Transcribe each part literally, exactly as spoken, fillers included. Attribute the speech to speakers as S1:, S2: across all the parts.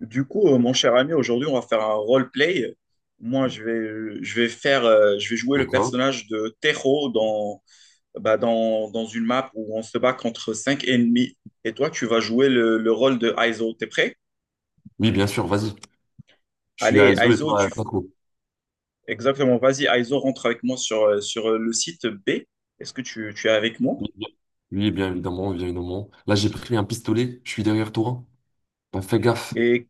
S1: Du coup, euh, mon cher ami, aujourd'hui, on va faire un roleplay. Moi, je vais, je vais faire, euh, je vais jouer le
S2: D'accord.
S1: personnage de Tero dans, bah, dans, dans une map où on se bat contre cinq ennemis. Et toi, tu vas jouer le, le rôle de Aizo. T'es prêt?
S2: Oui, bien sûr, vas-y. Je suis à
S1: Allez,
S2: I S O et
S1: Aizo,
S2: toi à
S1: tu...
S2: Taco.
S1: Exactement, vas-y, Aizo, rentre avec moi sur, euh, sur euh, le site B. Est-ce que tu, tu es avec moi?
S2: Oui, bien oui, bien évidemment, bien évidemment. Là, j'ai pris un pistolet, je suis derrière toi. Bah, fais gaffe.
S1: Et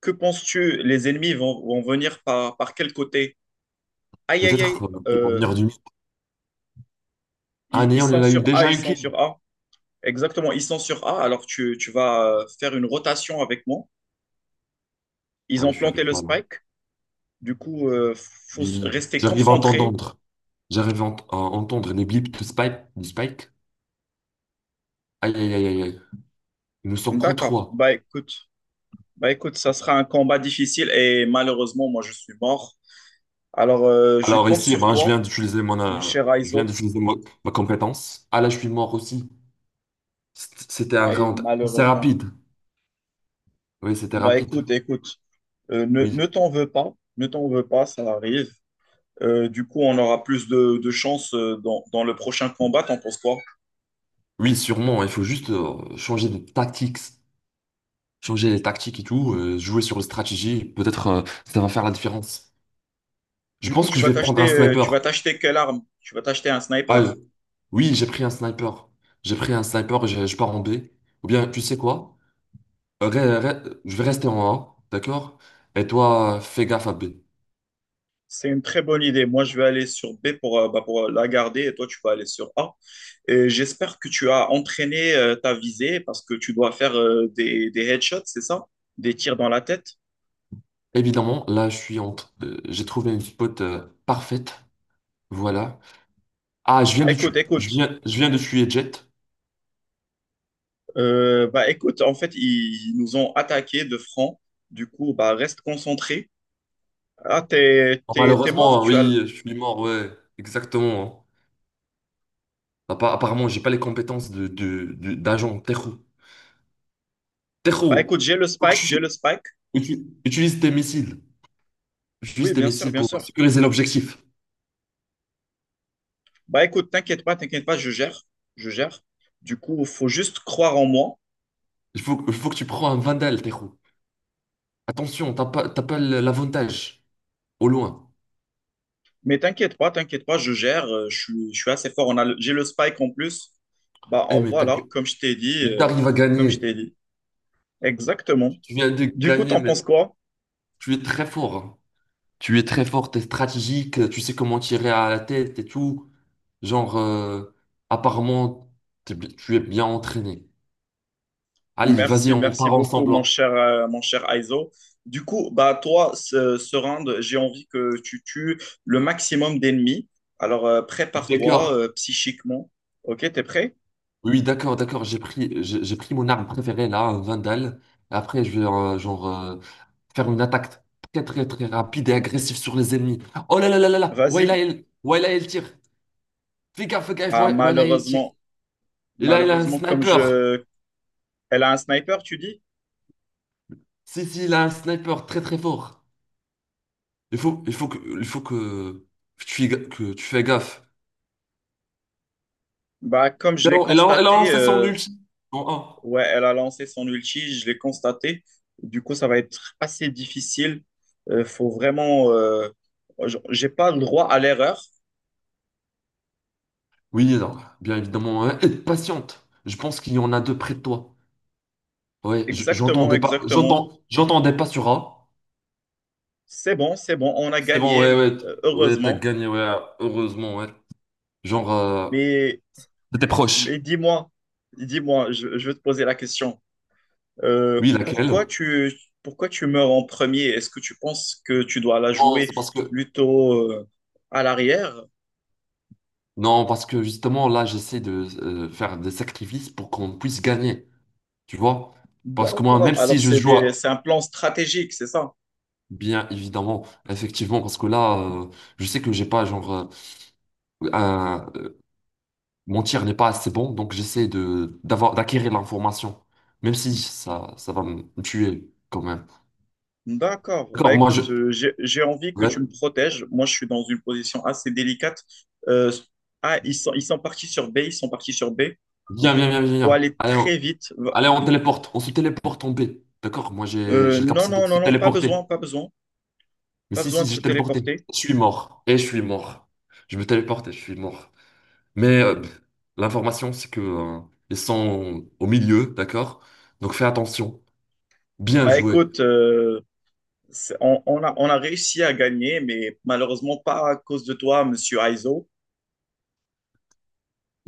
S1: que penses-tu? Les ennemis vont, vont venir par, par quel côté? Aïe, aïe,
S2: Peut-être
S1: aïe.
S2: euh, qu'ils vont
S1: Euh,
S2: venir du mid. Ah,
S1: ils, ils
S2: néant,
S1: sont
S2: il a eu
S1: sur A,
S2: déjà
S1: ils
S2: une
S1: sont
S2: kill.
S1: sur A. Exactement, ils sont sur A, alors tu, tu vas euh, faire une rotation avec moi.
S2: Ah
S1: Ils
S2: oui,
S1: ont
S2: je suis
S1: planté
S2: avec
S1: le
S2: toi là.
S1: spike, du coup, il faut s-
S2: Oui.
S1: rester
S2: J'arrive à
S1: concentré.
S2: entendre, J'arrive à, ent- à entendre les blips de Spike. Du Spike. Aïe, aïe, aïe, aïe, aïe. Ils nous sont contre
S1: D'accord,
S2: trois.
S1: bah écoute, bah écoute, ça sera un combat difficile et malheureusement, moi je suis mort. Alors, euh, je
S2: Alors
S1: compte
S2: ici, eh
S1: sur
S2: ben, je
S1: toi,
S2: viens d'utiliser mon,
S1: mon
S2: euh,
S1: cher
S2: je viens
S1: Aizo.
S2: d'utiliser mo- ma compétence. Ah là, je suis mort aussi. C- C'était
S1: Ah,
S2: un round assez
S1: malheureusement.
S2: rapide. Oui, c'était
S1: Bah
S2: rapide.
S1: écoute, écoute, euh, ne, ne
S2: Oui.
S1: t'en veux pas, ne t'en veux pas, ça arrive. Euh, du coup, on aura plus de, de chance euh, dans, dans le prochain combat, t'en penses quoi?
S2: Oui, sûrement. Il faut juste euh, changer de tactique, changer les tactiques et tout, euh, jouer sur la stratégie. Peut-être euh, ça va faire la différence. Je
S1: Du coup,
S2: pense
S1: tu
S2: que
S1: vas
S2: je vais prendre un
S1: t'acheter, euh, tu vas
S2: sniper.
S1: t'acheter quelle arme? Tu vas t'acheter un
S2: Ah euh,
S1: sniper?
S2: oui, j'ai pris un sniper. J'ai pris un sniper, je, je pars en B. Ou bien, tu sais quoi? Euh, re- re- je vais rester en A, d'accord? Et toi, fais gaffe à B.
S1: C'est une très bonne idée. Moi, je vais aller sur B pour, euh, bah, pour euh, la garder et toi, tu vas aller sur A. Et j'espère que tu as entraîné euh, ta visée parce que tu dois faire euh, des, des headshots, c'est ça? Des tirs dans la tête.
S2: Évidemment, là, je suis en, euh, j'ai trouvé une spot euh, parfaite. Voilà. Ah, je viens
S1: Ah,
S2: de
S1: écoute,
S2: tuer, je
S1: écoute.
S2: viens, je viens de tuer Jet.
S1: Euh, bah, écoute, en fait, ils, ils nous ont attaqué de front. Du coup, bah, reste concentré. Ah, t'es,
S2: Oh,
S1: t'es, t'es mort.
S2: malheureusement,
S1: Tu as...
S2: oui, je suis mort, ouais, exactement, hein. Appa- Apparemment, j'ai pas les compétences de, de, de- d'agent. Tejo.
S1: Bah,
S2: Tejo,
S1: écoute, j'ai le
S2: faut que
S1: spike, j'ai le
S2: tu
S1: spike.
S2: utu- utilises tes missiles. Utilise
S1: Oui,
S2: tes
S1: bien sûr,
S2: missiles
S1: bien
S2: pour
S1: sûr.
S2: sécuriser l'objectif.
S1: Bah écoute, t'inquiète pas, t'inquiète pas, je gère, je gère. Du coup, faut juste croire en moi.
S2: Il faut, il faut que tu prends un Vandal, Tejo. Attention, t'as pas, t'as pas l'avantage au loin.
S1: Mais t'inquiète pas, t'inquiète pas, je gère. Euh, Je suis, je suis assez fort. On a, le- j'ai le spike en plus. Bah
S2: Eh,
S1: en
S2: mais t'as,
S1: voilà,
S2: gue-
S1: comme je t'ai dit,
S2: mais
S1: euh,
S2: t'arrives à
S1: comme je
S2: gagner.
S1: t'ai dit. Exactement.
S2: Tu viens de
S1: Du coup,
S2: gagner,
S1: t'en
S2: mais
S1: penses quoi?
S2: tu es très fort, hein. Tu es très fort, t'es stratégique, tu sais comment tirer à la tête et tout. Genre, euh, apparemment, t'es bi- tu es bien entraîné. Allez, vas-y,
S1: Merci,
S2: on
S1: merci
S2: part
S1: beaucoup,
S2: ensemble,
S1: mon
S2: hein.
S1: cher, euh, mon cher Aizo. Du coup, bah toi, ce, ce round, j'ai envie que tu tues le maximum d'ennemis. Alors euh,
S2: Oui,
S1: prépare-toi
S2: d'accord.
S1: euh, psychiquement. Ok, t'es prêt?
S2: Oui, d'accord, d'accord. J'ai pris, j'ai j'ai pris mon arme préférée là, un Vandal. Après, je vais euh, genre euh, faire une attaque très très très rapide et agressive sur les ennemis. Oh là là là là là. Ouais là
S1: Vas-y.
S2: il, ouais là il tire. Fais gaffe, fais gaffe.
S1: Ah,
S2: Ouais, ouais, là il tire.
S1: malheureusement.
S2: Et là il a un
S1: Malheureusement, comme
S2: sniper.
S1: je... Elle a un sniper, tu dis?
S2: Si si, il a un sniper très très fort. Il faut, il faut que, il faut que tu fais, ga- que tu fais gaffe.
S1: Bah, comme
S2: Et
S1: je l'ai
S2: là, elle a, elle a
S1: constaté,
S2: lancé son
S1: euh,
S2: ulti en un.
S1: Ouais, elle a lancé son ulti, je l'ai constaté. Du coup, ça va être assez difficile. Euh, faut vraiment... euh, j- J'ai pas le droit à l'erreur.
S2: Oui, non. Bien évidemment, hein. Et patiente. Je pense qu'il y en a deux près de toi. Ouais, j-
S1: Exactement,
S2: j'entendais pas,
S1: exactement.
S2: j'entends, j'entendais pas sur A.
S1: C'est bon, c'est bon, on a
S2: C'est bon, ouais,
S1: gagné,
S2: ouais, t-
S1: euh,
S2: ouais, t'as
S1: heureusement.
S2: gagné, ouais, heureusement, ouais. Genre, euh,
S1: Mais,
S2: t'étais
S1: mais
S2: proche.
S1: dis-moi, dis-moi, je, je veux te poser la question. Euh,
S2: Oui,
S1: pourquoi
S2: laquelle?
S1: tu, Pourquoi tu meurs en premier? Est-ce que tu penses que tu dois la
S2: Non,
S1: jouer
S2: c'est parce que,
S1: plutôt euh, à l'arrière?
S2: non, parce que justement, là, j'essaie de euh, faire des sacrifices pour qu'on puisse gagner, tu vois? Parce que moi, même
S1: D'accord. Alors
S2: si je
S1: c'est
S2: joue,
S1: des-
S2: à-
S1: c'est un plan stratégique, c'est ça?
S2: Bien évidemment, effectivement, parce que là, euh, je sais que j'ai pas, genre, euh, un- euh, mon tir n'est pas assez bon, donc j'essaie de, d'avoir, d'acquérir l'information, même si ça, ça va me tuer quand même.
S1: D'accord. Bah
S2: D'accord, moi je.
S1: écoute, euh, j'ai, j'ai envie que
S2: Ouais.
S1: tu me protèges. Moi, je suis dans une position assez délicate. Euh, ah, ils sont, Ils sont partis sur B, ils sont partis sur B.
S2: Viens, viens, viens,
S1: Il
S2: viens,
S1: faut
S2: viens.
S1: aller
S2: Allez, on...
S1: très vite. Va-
S2: Allez, on téléporte. On se téléporte en paix, d'accord? Moi j'ai
S1: Euh,
S2: j'ai la
S1: non,
S2: capacité
S1: non,
S2: de se
S1: non, non, pas
S2: téléporter.
S1: besoin, pas besoin.
S2: Mais
S1: Pas
S2: si,
S1: besoin
S2: si,
S1: de se
S2: j'ai téléporté.
S1: téléporter.
S2: Je suis mort. Et je suis mort. Je me téléporte et je suis mort. Mais euh, l'information, c'est que euh, ils sont au milieu, d'accord? Donc fais attention. Bien
S1: Bah
S2: joué.
S1: écoute, euh, c'est- on, on a, on a réussi à gagner, mais malheureusement pas à cause de toi, monsieur Aizo.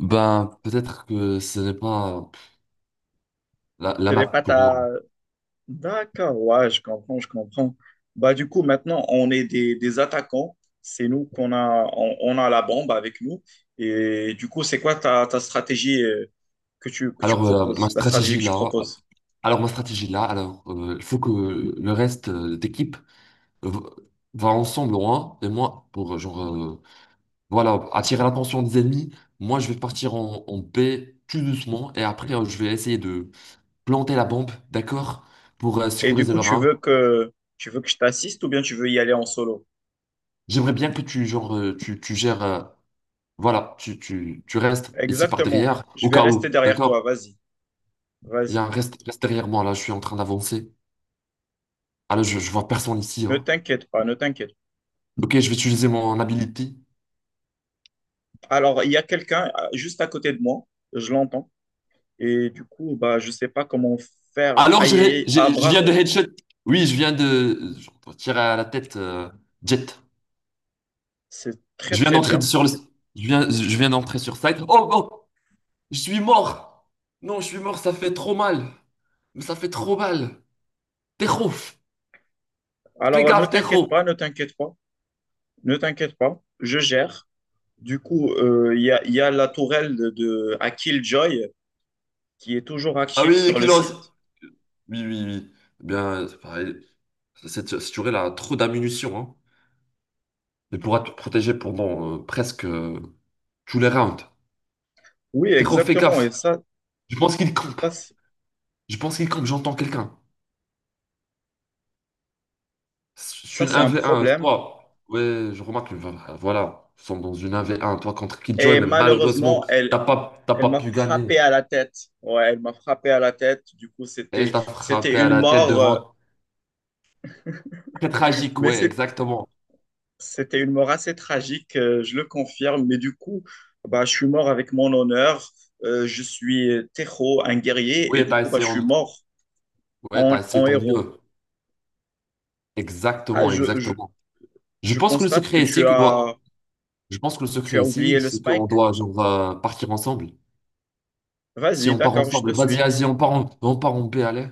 S2: Ben, peut-être que ce n'est pas la,
S1: Ce
S2: la
S1: n'est pas
S2: map pour
S1: ta...
S2: moi.
S1: D'accord, ouais, je comprends, je comprends. Bah, du coup, maintenant, on est des, des attaquants. C'est nous qu'on a, on, on a la bombe avec nous. Et du coup, c'est quoi ta, ta stratégie euh, que tu, que tu
S2: Alors, euh, ma
S1: proposes, la stratégie
S2: stratégie
S1: que tu
S2: là.
S1: proposes?
S2: Alors, ma stratégie là, alors, euh, il faut que le reste euh, d'équipe v- va ensemble loin, et moi, pour euh, genre, euh, voilà, attirer l'attention des ennemis, moi je vais partir en, en paix tout doucement, et après euh, je vais essayer de planter la bombe, d'accord, pour euh,
S1: Et du
S2: sécuriser
S1: coup,
S2: leur
S1: tu
S2: arme.
S1: veux que, tu veux que je t'assiste ou bien tu veux y aller en solo?
S2: J'aimerais bien que tu, genre, euh, tu, tu gères, euh, voilà, tu, tu, tu restes ici par
S1: Exactement.
S2: derrière,
S1: Je
S2: au
S1: vais
S2: cas
S1: rester
S2: où,
S1: derrière toi.
S2: d'accord?
S1: Vas-y,
S2: Il y a
S1: vas-y.
S2: un reste, reste derrière moi, là, je suis en train d'avancer. Ah là, je, je vois personne ici,
S1: Ne
S2: hein.
S1: t'inquiète pas, ne t'inquiète.
S2: Ok, je vais utiliser mon ability.
S1: Alors, il y a quelqu'un euh, juste à côté de moi, je l'entends, et du coup, bah, je ne sais pas comment faire.
S2: Alors, je,
S1: Aïe, aïe, aïe.
S2: je-
S1: Ah,
S2: je viens de
S1: bravo,
S2: headshot. Oui, je viens de je tirer à la tête euh, Jet.
S1: c'est très,
S2: Je viens
S1: très
S2: d'entrer
S1: bien.
S2: sur le.
S1: C'est-
S2: Je viens, je viens d'entrer sur site. Oh, oh, je suis mort. Non, je suis mort. Ça fait trop mal. Mais ça fait trop mal. Tejo, fais
S1: Alors, euh, ne
S2: gaffe,
S1: t'inquiète
S2: Tejo.
S1: pas, ne t'inquiète pas, ne t'inquiète pas, je gère. Du coup, euh, il y a, il y a la tourelle de, de- à Killjoy qui est toujours
S2: Ah
S1: active
S2: oui,
S1: sur le
S2: Kilos.
S1: site.
S2: Oui, oui, oui. Eh bien, c'est pareil. Cette, cette tuerie, elle a trop d'ammunition, hein. Elle pourra te protéger pendant euh, presque euh, tous les rounds.
S1: Oui,
S2: Tejo, fais
S1: exactement, et
S2: gaffe.
S1: ça,
S2: Je pense qu'il campe.
S1: ça, c'est
S2: Je pense qu'il campe. J'entends quelqu'un. Je suis
S1: ça,
S2: une
S1: c'est un
S2: un v un,
S1: problème.
S2: toi. Ouais, je remarque, que, voilà, voilà, nous sommes dans une un v un toi contre Kid Joy,
S1: Et
S2: mais
S1: malheureusement,
S2: malheureusement,
S1: elle,
S2: t'as pas, t'as
S1: elle
S2: pas
S1: m'a
S2: pu gagner.
S1: frappé à la tête. Ouais, elle m'a frappé à la tête. Du coup,
S2: Elle
S1: c'était,
S2: t'a
S1: c'était
S2: frappé à
S1: une
S2: la tête
S1: mort. euh,
S2: devant. Très tragique,
S1: Mais
S2: ouais,
S1: c'est-
S2: exactement.
S1: C'était une mort assez tragique, euh, je le confirme. Mais du coup, bah, je suis mort avec mon honneur. Euh, je suis euh, Tejo, un guerrier, et
S2: Oui,
S1: du
S2: t'as
S1: coup, bah,
S2: essayé,
S1: je suis
S2: en-
S1: mort
S2: ouais,
S1: en,
S2: t'as essayé
S1: en
S2: ton
S1: héros.
S2: mieux.
S1: Ah,
S2: Exactement,
S1: je, je-
S2: exactement. Je
S1: je
S2: pense que le
S1: constate que
S2: secret
S1: tu
S2: ici, que doit...
S1: as,
S2: Je pense que le
S1: tu
S2: secret
S1: as oublié
S2: ici,
S1: le
S2: c'est qu'on
S1: spike.
S2: doit genre, euh, partir ensemble. Si
S1: Vas-y,
S2: on part
S1: d'accord, je te
S2: ensemble, vas-y,
S1: suis.
S2: vas-y, on part en, on part en B, allez.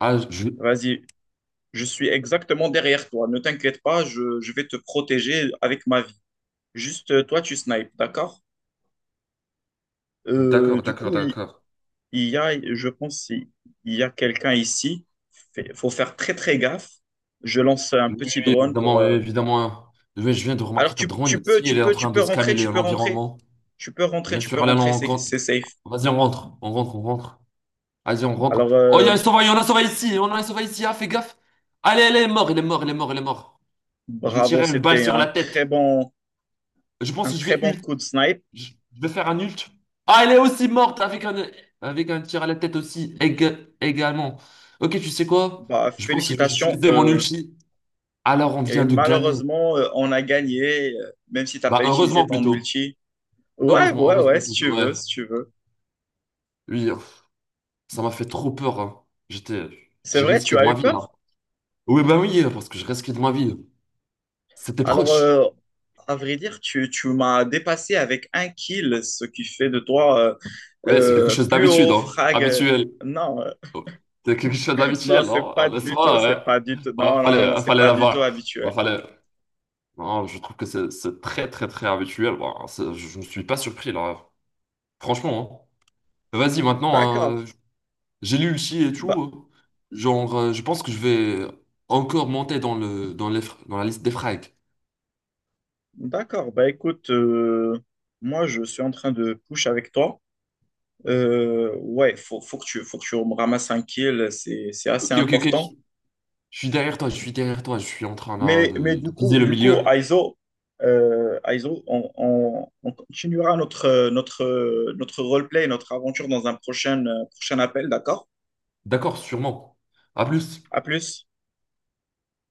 S2: Ah, je...
S1: Vas-y, je suis exactement derrière toi. Ne t'inquiète pas, je, je vais te protéger avec ma vie. Juste, euh, toi, tu snipes, d'accord? Euh,
S2: D'accord,
S1: du
S2: d'accord,
S1: coup, il,
S2: d'accord.
S1: il y a, je pense, il y a quelqu'un ici. Il faut faire très, très gaffe. Je lance un
S2: Oui,
S1: petit
S2: oui,
S1: drone
S2: évidemment,
S1: pour.
S2: oui,
S1: Euh,
S2: évidemment. Je viens je viens de
S1: Alors,
S2: remarquer ta
S1: tu,
S2: drone
S1: tu peux,
S2: ici,
S1: tu
S2: elle est en
S1: peux, tu
S2: train
S1: peux
S2: de
S1: rentrer,
S2: scanner les-
S1: tu peux rentrer.
S2: l'environnement.
S1: Tu peux rentrer,
S2: Bien
S1: tu peux
S2: sûr, allez, on
S1: rentrer, c'est
S2: rencontre.
S1: c'est safe.
S2: Vas-y, on rentre, on rentre, on rentre. Vas-y, on rentre.
S1: Alors,
S2: Oh, il y a
S1: euh,
S2: un sauvage, on a un sauvage ici, on a un sauvage ici, ah, fais gaffe. Allez, elle est mort, il est mort, il est mort, il est mort. Je vais
S1: bravo,
S2: tirer une balle
S1: c'était
S2: sur
S1: un
S2: la
S1: très
S2: tête.
S1: bon,
S2: Je
S1: un
S2: pense que je
S1: très
S2: vais
S1: bon
S2: ult.
S1: coup de snipe.
S2: Je je vais faire un ult. Ah, elle est aussi morte avec un, avec un tir à la tête aussi, ég- également. Ok, tu sais quoi?
S1: Bah,
S2: Je pense que je vais
S1: félicitations.
S2: utiliser mon
S1: Euh,
S2: ulti. Alors, on
S1: et
S2: vient de gagner.
S1: malheureusement, euh, on a gagné, euh, même si tu n'as
S2: Bah,
S1: pas utilisé
S2: heureusement
S1: ton
S2: plutôt.
S1: ulti. Ouais,
S2: Heureusement,
S1: ouais, ouais,
S2: heureusement,
S1: si
S2: tout
S1: tu
S2: ouais.
S1: veux, si tu veux.
S2: Oui, pff, ça m'a fait trop peur, hein. J'étais,
S1: C'est
S2: j'ai
S1: vrai, tu
S2: risqué de
S1: as
S2: ma
S1: eu
S2: vie
S1: peur.
S2: là. Oui, ben oui, parce que je risquais de ma vie. C'était
S1: Alors,
S2: proche.
S1: euh, à vrai dire, tu, tu m'as dépassé avec un kill, ce qui fait de toi euh,
S2: Oui, c'est quelque
S1: euh,
S2: chose
S1: plus
S2: d'habitude,
S1: haut
S2: hein.
S1: frag.
S2: Habituel.
S1: Non, euh,
S2: Oh, c'est quelque chose
S1: non,
S2: d'habituel,
S1: c'est pas
S2: non? N'est-ce
S1: du tout,
S2: pas?
S1: c'est
S2: Ouais.
S1: pas du tout.
S2: Bah,
S1: Non, non,
S2: fallait,
S1: non, non,
S2: hein,
S1: c'est
S2: fallait
S1: pas du tout
S2: l'avoir. Bah,
S1: habituel.
S2: fallait. Non, je trouve que c'est c'est très, très, très habituel. Bah, c'est- je ne suis pas surpris là. Franchement, hein. Vas-y, maintenant,
S1: D'accord,
S2: hein, j'ai lu aussi et tout,
S1: bah,
S2: hein. Genre, euh, je pense que je vais encore monter dans le, dans les, fr- dans la liste des frags.
S1: d'accord. Bah écoute, euh, moi je suis en train de push avec toi. Euh, ouais, faut, faut que tu, faut que tu me ramasses un kill, c'est, c'est assez
S2: Ok, ok, ok.
S1: important.
S2: Je je suis derrière toi, je suis derrière toi. Je suis en train là
S1: Mais, mais
S2: de,
S1: du
S2: de viser
S1: coup,
S2: le
S1: du coup,
S2: milieu.
S1: Aizo, euh, Aizo, on, on- on continuera notre, notre, notre roleplay, notre aventure dans un prochain, euh, prochain appel, d'accord?
S2: D'accord, sûrement. À plus.
S1: À plus.